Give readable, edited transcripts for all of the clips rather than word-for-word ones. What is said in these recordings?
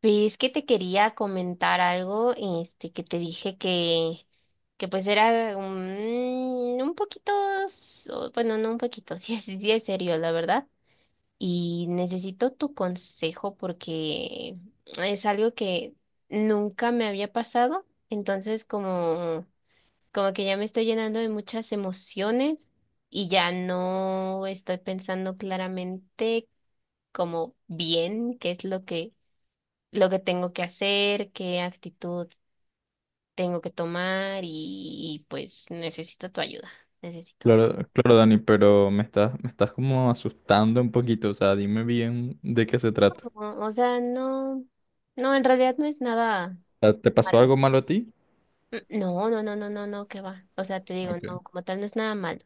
Pues que te quería comentar algo, que te dije que, que pues era un poquito, bueno, no un poquito, sí, sí es serio, la verdad. Y necesito tu consejo porque es algo que nunca me había pasado, entonces como, como que ya me estoy llenando de muchas emociones y ya no estoy pensando claramente como bien qué es lo que tengo que hacer, qué actitud tengo que tomar y pues necesito tu ayuda, necesito tu... Claro, claro, Dani, pero me estás como asustando un poquito. O sea, dime bien de qué se trata. O sea, no, no, en realidad no es nada O ¿te pasó malo. algo malo a ti? No, no, no, no, no, no, qué va. O sea, te digo, Ok. no, como tal no es nada malo.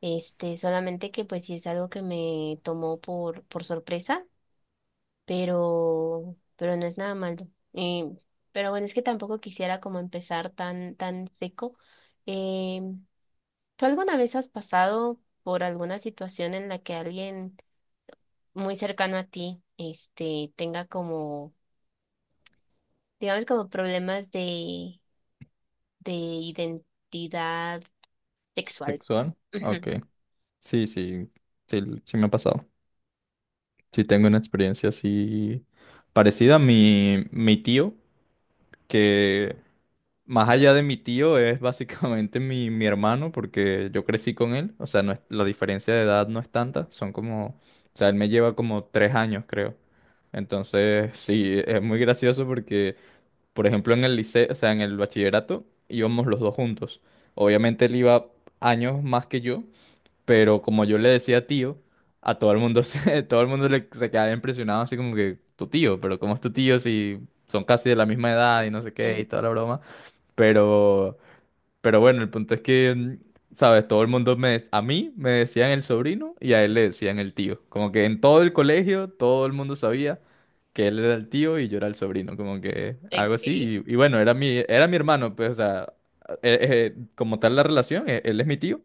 Este, solamente que pues sí es algo que me tomó por sorpresa, pero no es nada malo. Y, pero bueno, es que tampoco quisiera como empezar tan seco. eh, ¿Tú alguna vez has pasado por alguna situación en la que alguien muy cercano a ti, este, tenga como, digamos, como problemas de identidad sexual? ¿Sexual? Ujú. Ok. Sí, sí, sí, sí, me ha pasado. Sí tengo una experiencia así parecida. Mi tío que más allá de mi tío es básicamente mi hermano porque yo crecí con él, o sea, no es- la diferencia de edad no es tanta, son como, o sea, él me lleva como 3 años, creo. Entonces, sí, es muy gracioso porque, por ejemplo, en el liceo, o sea, en el bachillerato íbamos los dos juntos. Obviamente él iba años más que yo, pero como yo le decía tío, a todo el mundo se, todo el mundo le, se quedaba impresionado así como que tu tío, pero ¿cómo es tu tío si son casi de la misma edad y no sé qué y Mm, toda la broma? Pero, pero bueno, el punto es que, ¿sabes? Todo el mundo me, a mí me decían el sobrino y a él le decían el tío. Como que en todo el colegio todo el mundo sabía que él era el tío y yo era el sobrino, como que algo ok. así. Y bueno, era mi hermano, pues, o sea, como tal la relación, él es mi tío,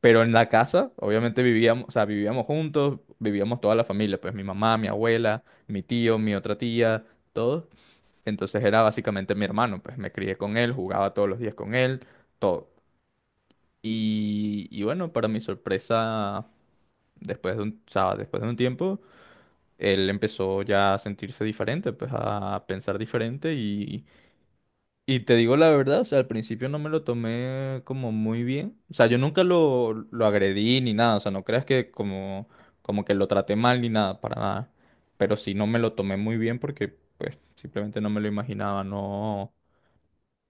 pero en la casa, obviamente vivíamos, o sea, vivíamos juntos, vivíamos toda la familia, pues mi mamá, mi abuela, mi tío, mi otra tía, todos. Entonces era básicamente mi hermano, pues me crié con él, jugaba todos los días con él, todo. Y bueno, para mi sorpresa, después de un, o sea, después de un tiempo, él empezó ya a sentirse diferente, pues a pensar diferente y te digo la verdad, o sea, al principio no me lo tomé como muy bien. O sea, yo nunca lo, lo agredí ni nada. O sea, no creas que como, como que lo traté mal ni nada, para nada. Pero sí no me lo tomé muy bien porque, pues, simplemente no me lo imaginaba. No.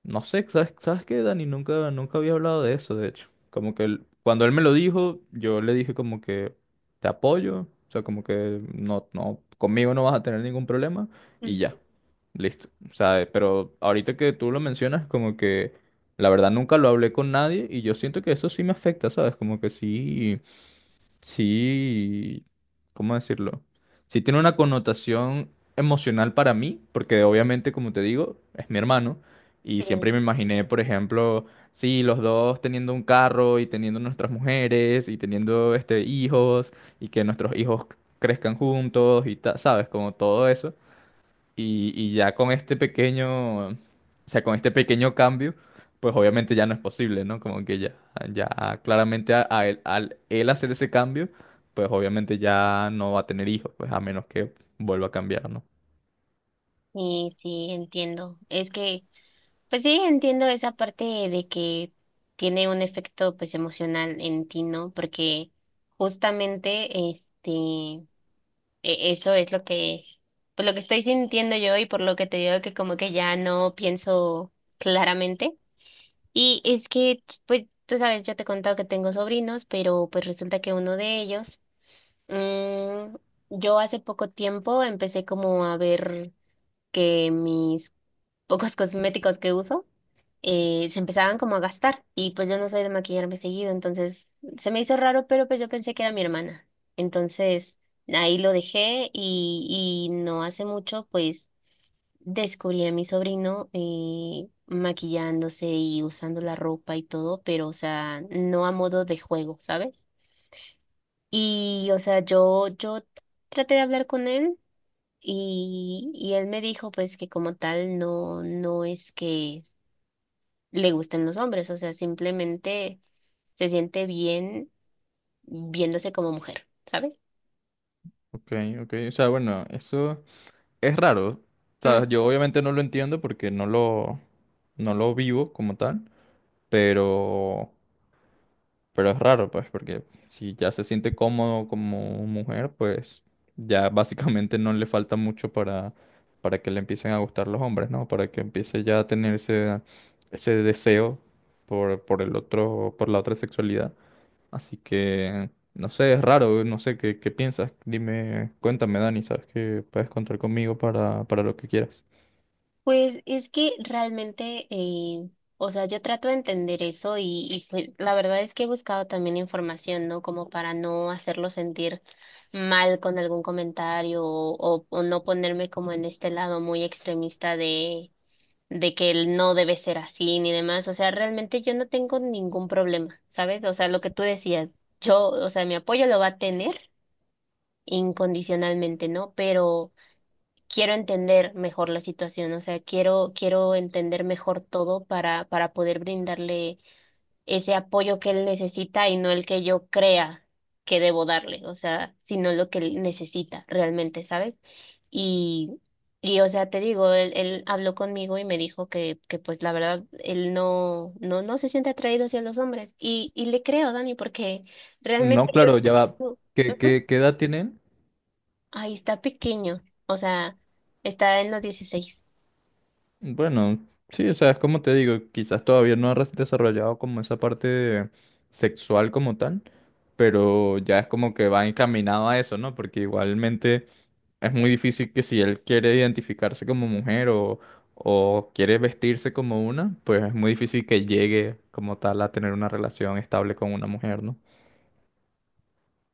No sé, ¿sabes, sabes qué, Dani? Nunca, nunca había hablado de eso, de hecho. Como que cuando él me lo dijo, yo le dije como que te apoyo, o sea, como que no, no, conmigo no vas a tener ningún problema y Mm. ya, listo. O sea, pero ahorita que tú lo mencionas, como que la verdad nunca lo hablé con nadie y yo siento que eso sí me afecta, ¿sabes? Como que sí, ¿cómo decirlo? Sí tiene una connotación emocional para mí, porque obviamente, como te digo, es mi hermano, y Sí, siempre me imaginé, por ejemplo, sí, los dos teniendo un carro y teniendo nuestras mujeres y teniendo este hijos y que nuestros hijos crezcan juntos y sabes, como todo eso. Y ya con este pequeño, o sea, con este pequeño cambio, pues obviamente ya no es posible, ¿no? Como que ya, ya claramente al él hacer ese cambio, pues obviamente ya no va a tener hijos, pues a menos que vuelva a cambiar, ¿no? sí, sí, entiendo. Es que, pues sí, entiendo esa parte de que tiene un efecto, pues, emocional en ti, ¿no? Porque justamente, este eso es lo que, pues lo que estoy sintiendo yo y por lo que te digo que como que ya no pienso claramente. Y es que, pues, tú sabes, yo te he contado que tengo sobrinos, pero pues resulta que uno de ellos, mm, yo hace poco tiempo empecé como a ver que mis pocos cosméticos que uso, se empezaban como a gastar y pues yo no soy de maquillarme seguido, entonces se me hizo raro, pero pues yo pensé que era mi hermana. Entonces ahí lo dejé y no hace mucho pues descubrí a mi sobrino maquillándose y usando la ropa y todo, pero o sea, no a modo de juego, ¿sabes? Y o sea, yo traté de hablar con él. Y él me dijo pues que como tal no, no es que le gusten los hombres, o sea, simplemente se siente bien viéndose como mujer, ¿sabes? Ok, ok, o sea, bueno, eso es raro. O Mm, sea, yo obviamente no lo entiendo porque no lo, no lo vivo como tal, pero Pero es raro, pues, porque si ya se siente cómodo como mujer, pues ya básicamente no le falta mucho para que le empiecen a gustar los hombres, ¿no? Para que empiece ya a tener ese, ese deseo por el otro, por la otra sexualidad. Así que, no sé, es raro, no sé qué, qué piensas. Dime, cuéntame, Dani, sabes que puedes contar conmigo para lo que quieras. Pues es que realmente, o sea, yo trato de entender eso y pues la verdad es que he buscado también información, ¿no? Como para no hacerlo sentir mal con algún comentario o, o no ponerme como en este lado muy extremista de que él no debe ser así ni demás. O sea, realmente yo no tengo ningún problema, ¿sabes? O sea, lo que tú decías, yo, o sea, mi apoyo lo va a tener incondicionalmente, ¿no? Pero quiero entender mejor la situación, o sea, quiero entender mejor todo para poder brindarle ese apoyo que él necesita y no el que yo crea que debo darle, o sea, sino lo que él necesita realmente, ¿sabes? Y, y o sea, te digo, él habló conmigo y me dijo que pues la verdad, él no, no, no se siente atraído hacia los hombres. Y le creo, Dani, porque realmente No, claro, ya va. yo... ¿Qué, Ujú. qué, qué edad tienen? Ay, está pequeño, o sea, está en los 16. Bueno, sí, o sea, es como te digo, quizás todavía no ha desarrollado como esa parte sexual como tal, pero ya es como que va encaminado a eso, ¿no? Porque igualmente es muy difícil que si él quiere identificarse como mujer o quiere vestirse como una, pues es muy difícil que llegue como tal a tener una relación estable con una mujer, ¿no?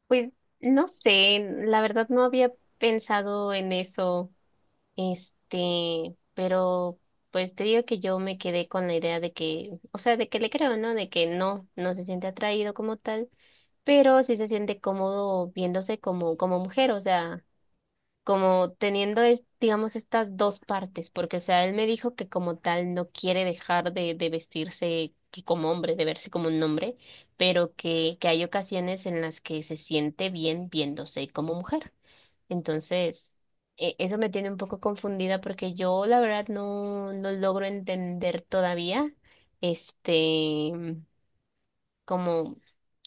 Pues no sé, la verdad no había pensado en eso. Este, pero pues te digo que yo me quedé con la idea de que, o sea, de que le creo, ¿no? De que no, no se siente atraído como tal, pero sí se siente cómodo viéndose como, como mujer, o sea como teniendo, es, digamos, estas dos partes, porque, o sea, él me dijo que como tal no quiere dejar de vestirse que como hombre, de verse como un hombre, pero que hay ocasiones en las que se siente bien viéndose como mujer. Entonces, eso me tiene un poco confundida porque yo, la verdad, no, no logro entender todavía, este, como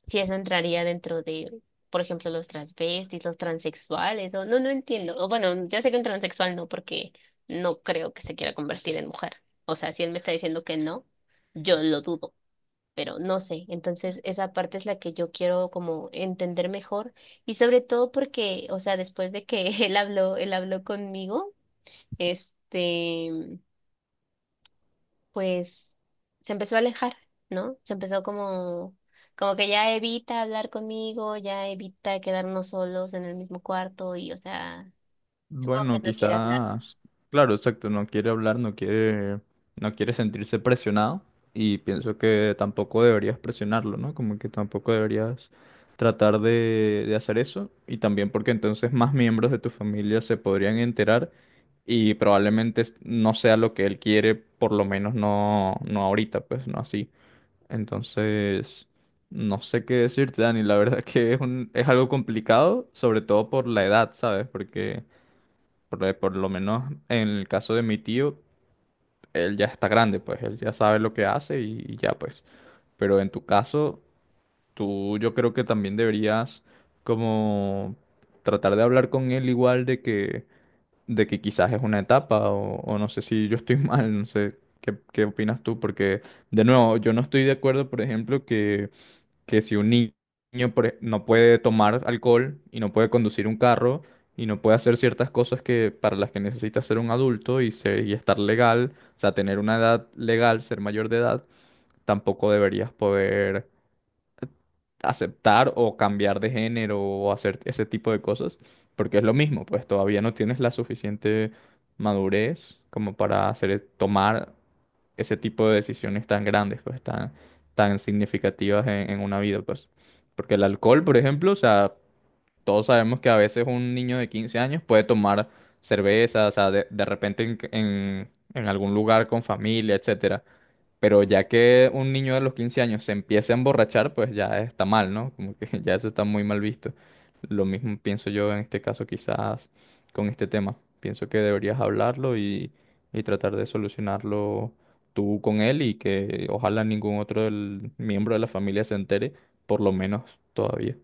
si eso entraría dentro de, por ejemplo, los transvestis, los transexuales, o no, no entiendo. O bueno, ya sé que un transexual no, porque no creo que se quiera convertir en mujer. O sea, si él me está diciendo que no, yo lo dudo, pero no sé. Entonces, esa parte es la que yo quiero como entender mejor y sobre todo porque, o sea, después de que él habló conmigo, este pues se empezó a alejar, ¿no? Se empezó como, como que ya evita hablar conmigo, ya evita quedarnos solos en el mismo cuarto y, o sea, supongo que Bueno, no quiere hablar. quizás, claro, exacto, no quiere hablar, no quiere, no quiere sentirse presionado y pienso que tampoco deberías presionarlo, ¿no? Como que tampoco deberías tratar de hacer eso y también porque entonces más miembros de tu familia se podrían enterar y probablemente no sea lo que él quiere, por lo menos no, no ahorita, pues no así. Entonces, no sé qué decirte, Dani, la verdad que es un, es algo complicado, sobre todo por la edad, ¿sabes? Porque... por lo menos en el caso de mi tío, él ya está grande, pues él ya sabe lo que hace y ya pues. Pero en tu caso, tú yo creo que también deberías como tratar de hablar con él igual de que quizás es una etapa o no sé si yo estoy mal, no sé qué, qué opinas tú, porque de nuevo, yo no estoy de acuerdo, por ejemplo, que si un ni- no puede tomar alcohol y no puede conducir un carro y no puede hacer ciertas cosas que para las que necesita ser un adulto y, y estar legal, o sea, tener una edad legal, ser mayor de edad, tampoco deberías poder aceptar o cambiar de género o hacer ese tipo de cosas, porque es lo mismo, pues todavía no tienes la suficiente madurez como para hacer, tomar ese tipo de decisiones tan grandes, pues tan, tan significativas en una vida, pues. Porque el alcohol, por ejemplo, o sea, todos sabemos que a veces un niño de 15 años puede tomar cerveza, o sea, de repente en, en algún lugar con familia, etcétera. Pero ya que un niño de los 15 años se empiece a emborrachar, pues ya está mal, ¿no? Como que ya eso está muy mal visto. Lo mismo pienso yo en este caso quizás con este tema. Pienso que deberías hablarlo y tratar de solucionarlo tú con él y que ojalá ningún otro miembro de la familia se entere, por lo menos todavía.